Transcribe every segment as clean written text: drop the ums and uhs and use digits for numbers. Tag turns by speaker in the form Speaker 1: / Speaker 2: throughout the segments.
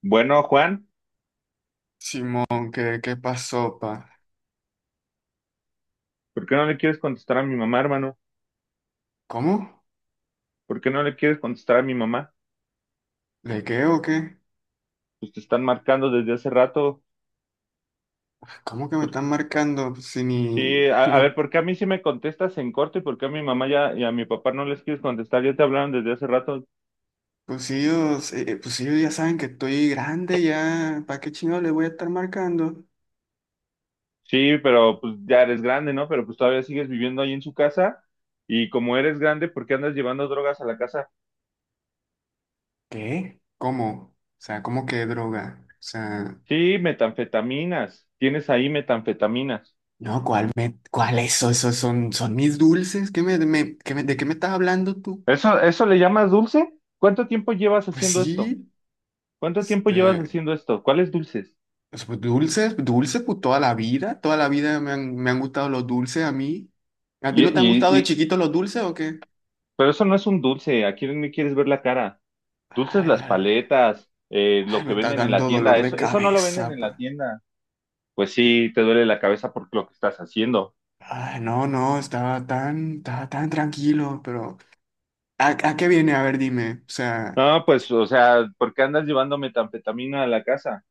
Speaker 1: Bueno, Juan,
Speaker 2: Simón, ¿qué pasó, pa?
Speaker 1: ¿por qué no le quieres contestar a mi mamá, hermano?
Speaker 2: ¿Cómo?
Speaker 1: ¿Por qué no le quieres contestar a mi mamá?
Speaker 2: ¿Le qué o qué?
Speaker 1: Pues te están marcando desde hace rato.
Speaker 2: ¿Cómo que me
Speaker 1: Por-
Speaker 2: están marcando? Pues, si ni
Speaker 1: Sí, a
Speaker 2: los.
Speaker 1: ver, ¿por qué a mí sí me contestas en corto y por qué a mi mamá ya y a mi papá no les quieres contestar? Ya te hablaron desde hace rato.
Speaker 2: Pues si ellos ya saben que estoy grande ya, ¿para qué chingado le voy a estar marcando?
Speaker 1: Sí, pero pues ya eres grande, ¿no? Pero pues todavía sigues viviendo ahí en su casa y como eres grande, ¿por qué andas llevando drogas a la casa?
Speaker 2: ¿Qué? ¿Cómo? O sea, ¿cómo que droga? O sea,
Speaker 1: Sí, metanfetaminas. Tienes ahí metanfetaminas.
Speaker 2: no, ¿cuál eso, son mis dulces? ¿Qué me, me- qué me- ¿de qué me estás hablando tú?
Speaker 1: ¿Eso, eso le llamas dulce? ¿Cuánto tiempo llevas
Speaker 2: Pues
Speaker 1: haciendo esto?
Speaker 2: sí.
Speaker 1: ¿Cuánto tiempo llevas haciendo
Speaker 2: este,
Speaker 1: esto? ¿Cuáles dulces?
Speaker 2: pues, dulces, dulces, pues toda la vida me han gustado los dulces a mí. ¿A ti
Speaker 1: Y,
Speaker 2: no te han
Speaker 1: y,
Speaker 2: gustado de
Speaker 1: y-
Speaker 2: chiquito los dulces o qué?
Speaker 1: pero eso no es un dulce. ¿A quién le quieres ver la cara? Dulces,
Speaker 2: Ay,
Speaker 1: las
Speaker 2: ay,
Speaker 1: paletas, lo
Speaker 2: me
Speaker 1: que
Speaker 2: está
Speaker 1: venden en
Speaker 2: dando
Speaker 1: la tienda.
Speaker 2: dolor de
Speaker 1: Eso no lo
Speaker 2: cabeza,
Speaker 1: venden en
Speaker 2: pa.
Speaker 1: la tienda. Pues sí, te duele la cabeza por lo que estás haciendo.
Speaker 2: Ay, no, no, estaba tan tranquilo, pero ¿a qué viene? A ver, dime. O sea,
Speaker 1: No, pues, o sea, ¿por qué andas llevando metanfetamina a la casa?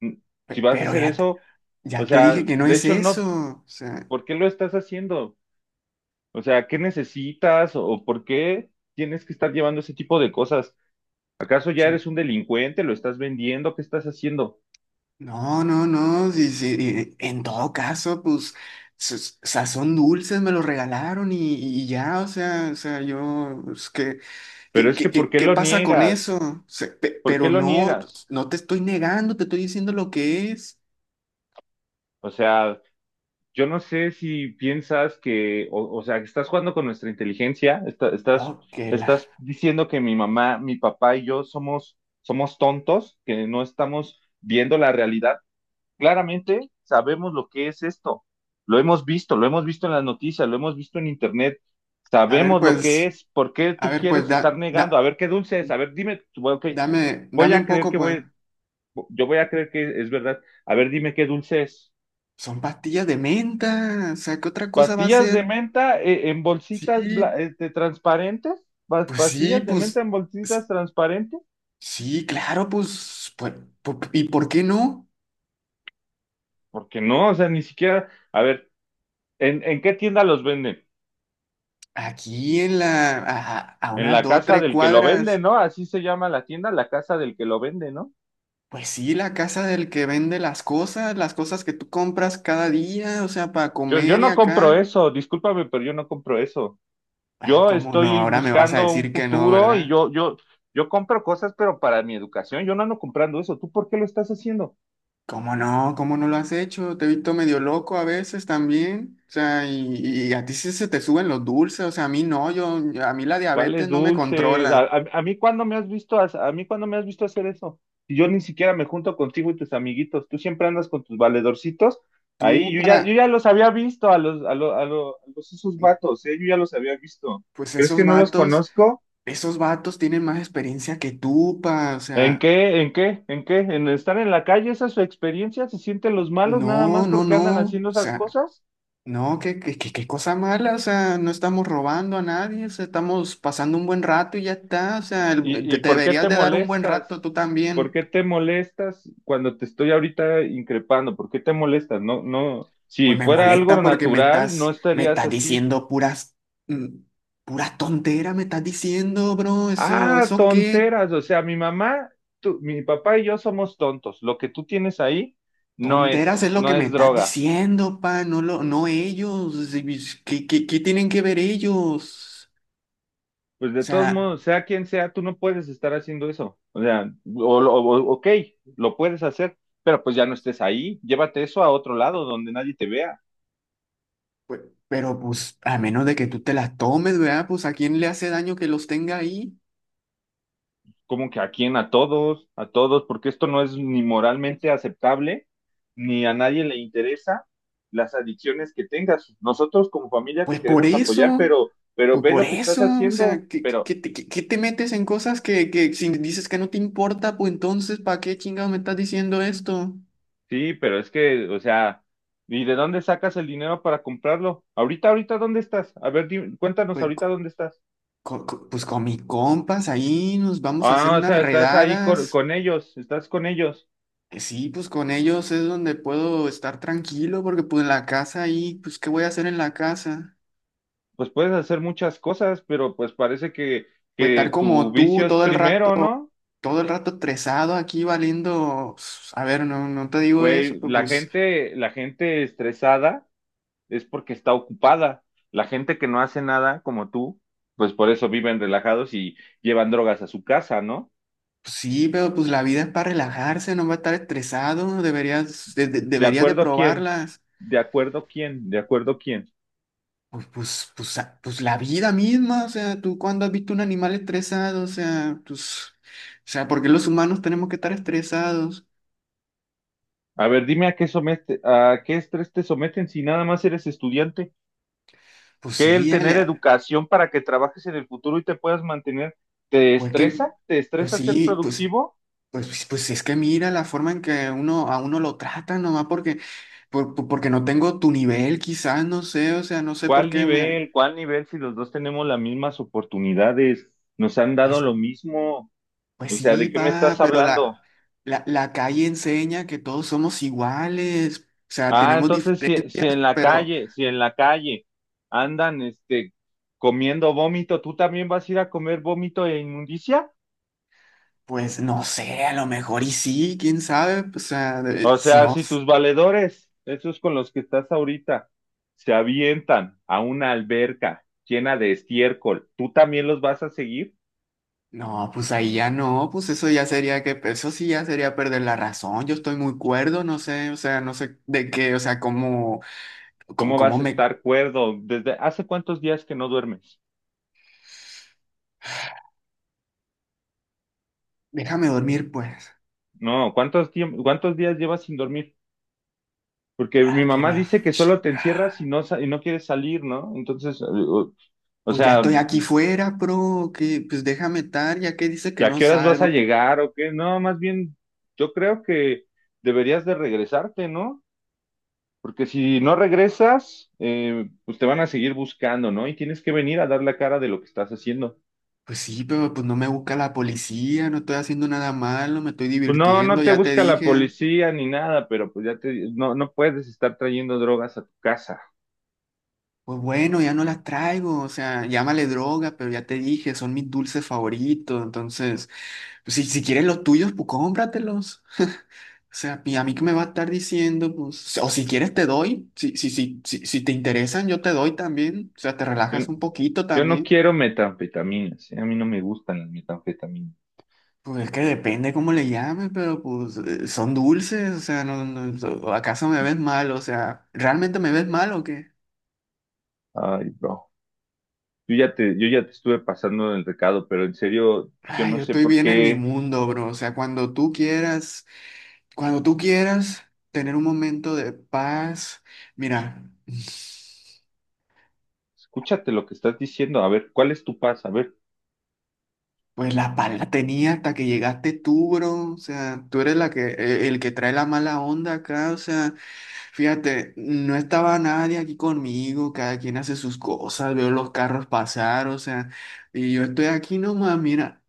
Speaker 1: Mm, Si
Speaker 2: pe-
Speaker 1: vas a
Speaker 2: pero
Speaker 1: hacer
Speaker 2: ya te,
Speaker 1: eso, o
Speaker 2: ya te
Speaker 1: sea,
Speaker 2: dije que no
Speaker 1: de
Speaker 2: es
Speaker 1: hecho
Speaker 2: eso.
Speaker 1: no.
Speaker 2: O sea,
Speaker 1: ¿Por qué lo estás haciendo? O sea, ¿qué necesitas o por qué tienes que estar llevando ese tipo de cosas? ¿Acaso ya
Speaker 2: sí,
Speaker 1: eres un delincuente? ¿Lo estás vendiendo? ¿Qué estás haciendo?
Speaker 2: no, no, no, sí, sí, en todo caso, pues, sa- sazón dulces me lo regalaron y ya, o sea, yo, pues, ¿qué,
Speaker 1: Pero
Speaker 2: qué,
Speaker 1: es
Speaker 2: qué,
Speaker 1: que, ¿por
Speaker 2: qué-
Speaker 1: qué
Speaker 2: qué
Speaker 1: lo
Speaker 2: pasa con eso?
Speaker 1: niegas?
Speaker 2: O sea, pe-
Speaker 1: ¿Por qué
Speaker 2: pero
Speaker 1: lo
Speaker 2: no,
Speaker 1: niegas?
Speaker 2: pues, no te estoy negando, te estoy diciendo lo que es.
Speaker 1: O sea, yo no sé si piensas que, o sea, que estás jugando con nuestra inteligencia, estás,
Speaker 2: Ok, la.
Speaker 1: estás diciendo que mi mamá, mi papá y yo somos, somos tontos, que no estamos viendo la realidad. Claramente sabemos lo que es esto. Lo hemos visto en las noticias, lo hemos visto en internet.
Speaker 2: A ver,
Speaker 1: Sabemos lo que
Speaker 2: pues,
Speaker 1: es. ¿Por qué
Speaker 2: a
Speaker 1: tú
Speaker 2: ver, pues,
Speaker 1: quieres estar
Speaker 2: da,
Speaker 1: negando? A
Speaker 2: da,
Speaker 1: ver qué dulce es. A ver, dime, bueno, ok,
Speaker 2: dame,
Speaker 1: voy
Speaker 2: dame
Speaker 1: a
Speaker 2: un
Speaker 1: creer
Speaker 2: poco,
Speaker 1: que
Speaker 2: pues.
Speaker 1: voy, yo voy a creer que es verdad. A ver, dime qué dulce es.
Speaker 2: Son pastillas de menta, o sea, ¿qué otra cosa va a
Speaker 1: Pastillas de
Speaker 2: ser?
Speaker 1: menta, en bolsitas
Speaker 2: Sí,
Speaker 1: transparentes.
Speaker 2: pues sí,
Speaker 1: Pastillas de menta
Speaker 2: pues.
Speaker 1: en bolsitas transparentes.
Speaker 2: Sí, claro, pues, ¿y por qué no?
Speaker 1: Porque no, o sea, ni siquiera. A ver, en qué tienda los venden?
Speaker 2: Aquí a
Speaker 1: En
Speaker 2: unas
Speaker 1: la
Speaker 2: dos,
Speaker 1: casa
Speaker 2: tres
Speaker 1: del que lo vende,
Speaker 2: cuadras,
Speaker 1: ¿no? Así se llama la tienda, la casa del que lo vende, ¿no?
Speaker 2: pues sí, la casa del que vende las cosas que tú compras cada día, o sea, para
Speaker 1: Yo
Speaker 2: comer y
Speaker 1: no compro
Speaker 2: acá.
Speaker 1: eso, discúlpame, pero yo no compro eso.
Speaker 2: Ah,
Speaker 1: Yo
Speaker 2: ¿cómo no?
Speaker 1: estoy
Speaker 2: Ahora me vas a
Speaker 1: buscando un
Speaker 2: decir que no,
Speaker 1: futuro y
Speaker 2: ¿verdad?
Speaker 1: yo compro cosas, pero para mi educación, yo no ando comprando eso. ¿Tú por qué lo estás haciendo?
Speaker 2: ¿Cómo no? ¿Cómo no lo has hecho? Te he visto medio loco a veces también. O sea, y a ti sí se te suben los dulces, o sea, a mí no, yo, a mí la diabetes
Speaker 1: ¿Cuáles
Speaker 2: no me
Speaker 1: dulces?
Speaker 2: controla.
Speaker 1: A mí cuándo me has visto ha- A mí, ¿cuándo me has visto hacer eso? Si yo ni siquiera me junto contigo y tus amiguitos, tú siempre andas con tus valedorcitos. Ahí
Speaker 2: Tú
Speaker 1: yo ya yo
Speaker 2: para,
Speaker 1: ya los había visto a los a lo- a lo- a los esos vatos, ¿eh? Yo ya los había visto.
Speaker 2: pues
Speaker 1: ¿Crees
Speaker 2: esos
Speaker 1: que no los
Speaker 2: vatos.
Speaker 1: conozco?
Speaker 2: Esos vatos tienen más experiencia que tú, pa, o
Speaker 1: ¿En
Speaker 2: sea,
Speaker 1: qué? ¿En qué? ¿En qué? ¿En estar en la calle? ¿Esa es su experiencia? ¿Se sienten los malos nada
Speaker 2: no,
Speaker 1: más
Speaker 2: no,
Speaker 1: porque andan
Speaker 2: no, o
Speaker 1: haciendo esas
Speaker 2: sea,
Speaker 1: cosas?
Speaker 2: no, qué cosa mala, o sea, no estamos robando a nadie, o sea, estamos pasando un buen rato y ya está, o
Speaker 1: ¿Y,
Speaker 2: sea, el- te,
Speaker 1: y
Speaker 2: te
Speaker 1: por qué
Speaker 2: deberías
Speaker 1: te
Speaker 2: de dar un buen rato
Speaker 1: molestas?
Speaker 2: tú
Speaker 1: ¿Por
Speaker 2: también.
Speaker 1: qué te molestas cuando te estoy ahorita increpando? ¿Por qué te molestas? No, no,
Speaker 2: Pues
Speaker 1: si
Speaker 2: me
Speaker 1: fuera algo
Speaker 2: molesta porque me
Speaker 1: natural, no
Speaker 2: estás, me
Speaker 1: estarías
Speaker 2: estás
Speaker 1: así.
Speaker 2: diciendo mm, puras tonteras, me estás diciendo, bro, eso,
Speaker 1: Ah,
Speaker 2: eso qué.
Speaker 1: tonteras, o sea, mi mamá, mi papá y yo somos tontos. Lo que tú tienes ahí no
Speaker 2: Tonteras es
Speaker 1: es,
Speaker 2: lo que
Speaker 1: no
Speaker 2: me
Speaker 1: es
Speaker 2: estás
Speaker 1: droga.
Speaker 2: diciendo, pa, no ellos. ¿Qué tienen que ver ellos?
Speaker 1: Pues
Speaker 2: O
Speaker 1: de todos
Speaker 2: sea,
Speaker 1: modos, sea quien sea, tú no puedes estar haciendo eso. O sea, o, ok, lo puedes hacer, pero pues ya no estés ahí. Llévate eso a otro lado donde nadie te vea.
Speaker 2: pe- pero pues a menos de que tú te las tomes, ¿verdad? Pues a quién le hace daño que los tenga ahí.
Speaker 1: Como que a quién, a todos, porque esto no es ni moralmente aceptable, ni a nadie le interesa las adicciones que tengas. Nosotros como familia
Speaker 2: Pues
Speaker 1: te
Speaker 2: por
Speaker 1: queremos apoyar,
Speaker 2: eso,
Speaker 1: pero
Speaker 2: pues
Speaker 1: ve
Speaker 2: por
Speaker 1: lo que estás
Speaker 2: eso, o
Speaker 1: haciendo,
Speaker 2: sea, ¿qué, qué-
Speaker 1: pero
Speaker 2: qué te qué- qué te metes en cosas que si dices que no te importa, pues entonces, ¿para qué chingados me estás diciendo esto?
Speaker 1: sí, pero es que, o sea, ¿y de dónde sacas el dinero para comprarlo? Ahorita, ahorita, ¿dónde estás? A ver, cuéntanos
Speaker 2: Pues,
Speaker 1: ahorita
Speaker 2: co-
Speaker 1: dónde estás.
Speaker 2: co- co- pues con mis compas ahí nos vamos a hacer
Speaker 1: Ah, o
Speaker 2: unas
Speaker 1: sea, estás ahí
Speaker 2: redadas.
Speaker 1: con ellos, estás con ellos.
Speaker 2: Sí, pues con ellos es donde puedo estar tranquilo, porque pues en la casa ahí, pues ¿qué voy a hacer en la casa?
Speaker 1: Pues puedes hacer muchas cosas, pero pues parece
Speaker 2: Pues estar
Speaker 1: que tu
Speaker 2: como tú
Speaker 1: vicio es
Speaker 2: todo el rato
Speaker 1: primero, ¿no?
Speaker 2: estresado aquí valiendo, pues, a ver, no, no te digo eso,
Speaker 1: Güey,
Speaker 2: pero pues,
Speaker 1: la gente estresada es porque está ocupada. La gente que no hace nada, como tú, pues por eso viven relajados y llevan drogas a su casa, ¿no?
Speaker 2: pues sí, pero pues la vida es para relajarse, no va a estar estresado, deberías de, de-
Speaker 1: ¿De
Speaker 2: deberías de
Speaker 1: acuerdo quién?
Speaker 2: probarlas.
Speaker 1: ¿De acuerdo quién? ¿De acuerdo quién?
Speaker 2: Pues, la vida misma, o sea, tú cuando has visto un animal estresado, o sea, pues, o sea, ¿por qué los humanos tenemos que estar estresados?
Speaker 1: A ver, dime a qué somete, a qué estrés te someten si nada más eres estudiante.
Speaker 2: Pues
Speaker 1: ¿Que el
Speaker 2: sí,
Speaker 1: tener
Speaker 2: Ale,
Speaker 1: educación para que trabajes en el futuro y te puedas mantener? ¿Te
Speaker 2: pues que,
Speaker 1: estresa? ¿Te
Speaker 2: pues
Speaker 1: estresa ser
Speaker 2: sí, pues.
Speaker 1: productivo?
Speaker 2: Pues es que mira la forma en que a uno lo tratan nomás porque, porque no tengo tu nivel, quizás, no sé, o sea, no sé por
Speaker 1: ¿Cuál
Speaker 2: qué me...
Speaker 1: nivel? ¿Cuál nivel si los dos tenemos las mismas oportunidades? Nos han dado
Speaker 2: Pues,
Speaker 1: lo mismo.
Speaker 2: pues
Speaker 1: O sea,
Speaker 2: sí,
Speaker 1: ¿de qué me
Speaker 2: pa
Speaker 1: estás
Speaker 2: pero
Speaker 1: hablando?
Speaker 2: la, la, la calle enseña que todos somos iguales, o sea,
Speaker 1: Ah,
Speaker 2: tenemos
Speaker 1: entonces si,
Speaker 2: diferentes,
Speaker 1: si en la
Speaker 2: pero
Speaker 1: calle, si en la calle andan comiendo vómito, ¿tú también vas a ir a comer vómito e inmundicia?
Speaker 2: pues no sé, a lo mejor y sí, quién sabe, o sea,
Speaker 1: O sea,
Speaker 2: no,
Speaker 1: si tus valedores, esos con los que estás ahorita, se avientan a una alberca llena de estiércol, ¿tú también los vas a seguir?
Speaker 2: no, pues ahí ya no, pues eso sí ya sería perder la razón, yo estoy muy cuerdo, no sé, o sea, no sé de qué, o sea, cómo... ¿Cómo,
Speaker 1: ¿Cómo
Speaker 2: cómo
Speaker 1: vas a
Speaker 2: me...
Speaker 1: estar cuerdo? ¿Desde hace cuántos días que no duermes?
Speaker 2: Déjame dormir, pues.
Speaker 1: No, ¿cuántos días llevas sin dormir? Porque mi
Speaker 2: Ah, que
Speaker 1: mamá
Speaker 2: la...
Speaker 1: dice que
Speaker 2: ch-
Speaker 1: solo te encierras y no, no quieres salir, ¿no? Entonces, o
Speaker 2: Pues ya
Speaker 1: sea,
Speaker 2: estoy aquí fuera, bro. Que, pues déjame estar, ya que dice que
Speaker 1: ¿y a
Speaker 2: no
Speaker 1: qué horas vas a
Speaker 2: salgo. Pues,
Speaker 1: llegar o qué? No, más bien, yo creo que deberías de regresarte, ¿no? Porque si no regresas, pues te van a seguir buscando, ¿no? Y tienes que venir a dar la cara de lo que estás haciendo.
Speaker 2: pues sí, pero pues no me busca la policía, no estoy haciendo nada malo, me estoy
Speaker 1: Pues no,
Speaker 2: divirtiendo,
Speaker 1: no te
Speaker 2: ya te
Speaker 1: busca la
Speaker 2: dije.
Speaker 1: policía ni nada, pero pues ya te, no, no puedes estar trayendo drogas a tu casa.
Speaker 2: Pues bueno, ya no las traigo, o sea, llámale droga, pero ya te dije, son mis dulces favoritos. Entonces, pues, si quieres los tuyos, pues cómpratelos. O sea, ¿y a mí qué me va a estar diciendo? Pues, o si quieres te doy, si te interesan, yo te doy también. O sea, te
Speaker 1: Yo-
Speaker 2: relajas un poquito
Speaker 1: Yo no
Speaker 2: también.
Speaker 1: quiero metanfetaminas, ¿eh? A mí no me gustan las metanfetaminas.
Speaker 2: Pues es que depende cómo le llames, pero pues son dulces, o sea, no, no, ¿acaso me ves mal? O sea, ¿realmente me ves mal o qué?
Speaker 1: Ay, bro. Yo ya te estuve pasando el recado, pero en serio, yo
Speaker 2: Ay,
Speaker 1: no
Speaker 2: yo
Speaker 1: sé
Speaker 2: estoy
Speaker 1: por
Speaker 2: bien en mi
Speaker 1: qué.
Speaker 2: mundo, bro. O sea, cuando tú quieras tener un momento de paz, mira.
Speaker 1: Escúchate lo que estás diciendo. A ver, ¿cuál es tu paz? A ver,
Speaker 2: Pues la pala tenía hasta que llegaste tú, bro. O sea, tú eres el que trae la mala onda acá. O sea, fíjate, no estaba nadie aquí conmigo. Cada quien hace sus cosas. Veo los carros pasar, o sea, y yo estoy aquí nomás, mira,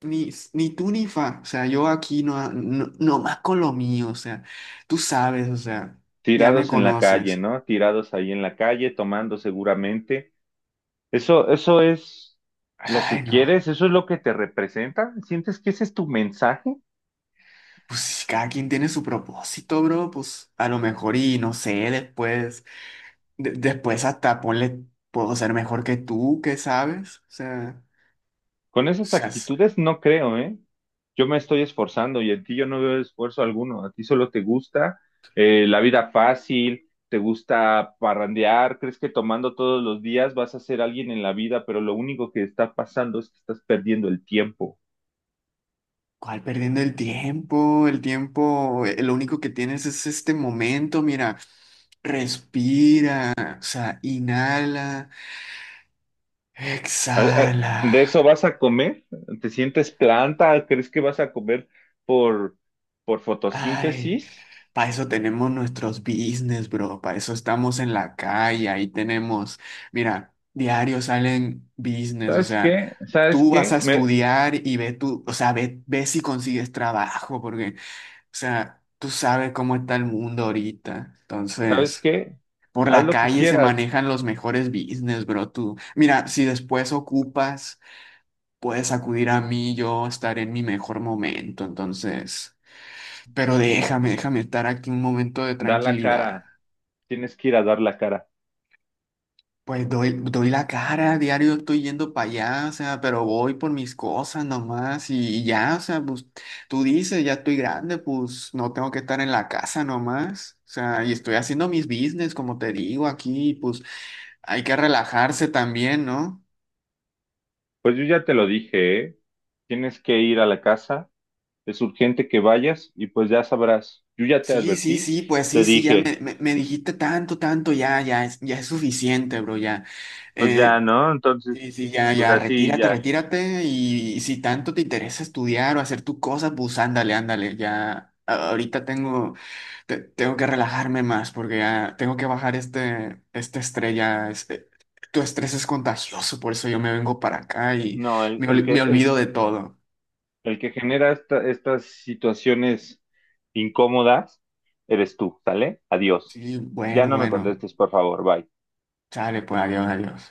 Speaker 2: ni tú ni fa. O sea, yo aquí no, no, nomás con lo mío. O sea, tú sabes, o sea, ya me
Speaker 1: tirados en la calle,
Speaker 2: conoces.
Speaker 1: ¿no? Tirados ahí en la calle, tomando seguramente. Eso es lo
Speaker 2: Ay,
Speaker 1: que
Speaker 2: no.
Speaker 1: quieres, eso es lo que te representa. ¿Sientes que ese es tu mensaje?
Speaker 2: Pues cada quien tiene su propósito, bro. Pues a lo mejor y no sé después. Después hasta ponle, puedo ser mejor que tú, ¿qué sabes?
Speaker 1: Con esas
Speaker 2: Sea, es-
Speaker 1: actitudes no creo, ¿eh? Yo me estoy esforzando y en ti yo no veo esfuerzo alguno. A ti solo te gusta, la vida fácil, te gusta parrandear, crees que tomando todos los días vas a ser alguien en la vida, pero lo único que está pasando es que estás perdiendo el tiempo.
Speaker 2: ¿Cuál perdiendo el tiempo? El tiempo, lo único que tienes es este momento, mira, respira, o sea, inhala,
Speaker 1: ¿A- a-
Speaker 2: exhala.
Speaker 1: ¿De eso vas a comer? ¿Te sientes planta? ¿Crees que vas a comer por, por
Speaker 2: Ay,
Speaker 1: fotosíntesis?
Speaker 2: para eso tenemos nuestros business, bro. Para eso estamos en la calle. Ahí tenemos, mira, diario salen business. O
Speaker 1: ¿Sabes
Speaker 2: sea,
Speaker 1: qué? ¿Sabes
Speaker 2: tú vas a
Speaker 1: qué?
Speaker 2: estudiar y ve tú, o sea, ve si consigues trabajo, porque, o sea, tú sabes cómo está el mundo ahorita.
Speaker 1: ¿Sabes
Speaker 2: Entonces,
Speaker 1: qué?
Speaker 2: por
Speaker 1: Haz
Speaker 2: la
Speaker 1: lo que
Speaker 2: calle se
Speaker 1: quieras,
Speaker 2: manejan los mejores business, bro. Tú, mira, si después ocupas, puedes acudir a mí. Yo estaré en mi mejor momento. Entonces. Pero déjame estar aquí un momento de
Speaker 1: da la
Speaker 2: tranquilidad.
Speaker 1: cara. Tienes que ir a dar la cara.
Speaker 2: Pues doy la cara, diario estoy yendo para allá, o sea, pero voy por mis cosas nomás y ya, o sea, pues tú dices, ya estoy grande, pues no tengo que estar en la casa nomás. O sea, y estoy haciendo mis business, como te digo aquí, pues hay que relajarse también, ¿no?
Speaker 1: Pues yo ya te lo dije, ¿eh? Tienes que ir a la casa, es urgente que vayas y pues ya sabrás. Yo ya te
Speaker 2: Sí, sí,
Speaker 1: advertí,
Speaker 2: sí, pues sí,
Speaker 1: te
Speaker 2: sí, ya
Speaker 1: dije,
Speaker 2: me dijiste tanto, tanto, ya, ya, ya es suficiente, bro, ya.
Speaker 1: pues ya,
Speaker 2: Eh,
Speaker 1: ¿no? Entonces,
Speaker 2: Sí, sí, ya,
Speaker 1: pues
Speaker 2: ya,
Speaker 1: así
Speaker 2: retírate,
Speaker 1: ya.
Speaker 2: retírate y si tanto te interesa estudiar o hacer tus cosas, pues ándale, ándale, ya. Ahorita tengo que relajarme más porque ya tengo que bajar este, estrella. Tu estrés es contagioso, por eso yo me vengo para acá y
Speaker 1: No,
Speaker 2: me, ol- me olvido de todo.
Speaker 1: el que genera estas situaciones incómodas eres tú, ¿sale? Adiós.
Speaker 2: Sí,
Speaker 1: Ya
Speaker 2: bueno,
Speaker 1: no me
Speaker 2: bueno.
Speaker 1: contestes, por favor, bye.
Speaker 2: Sale, pues, adiós, adiós.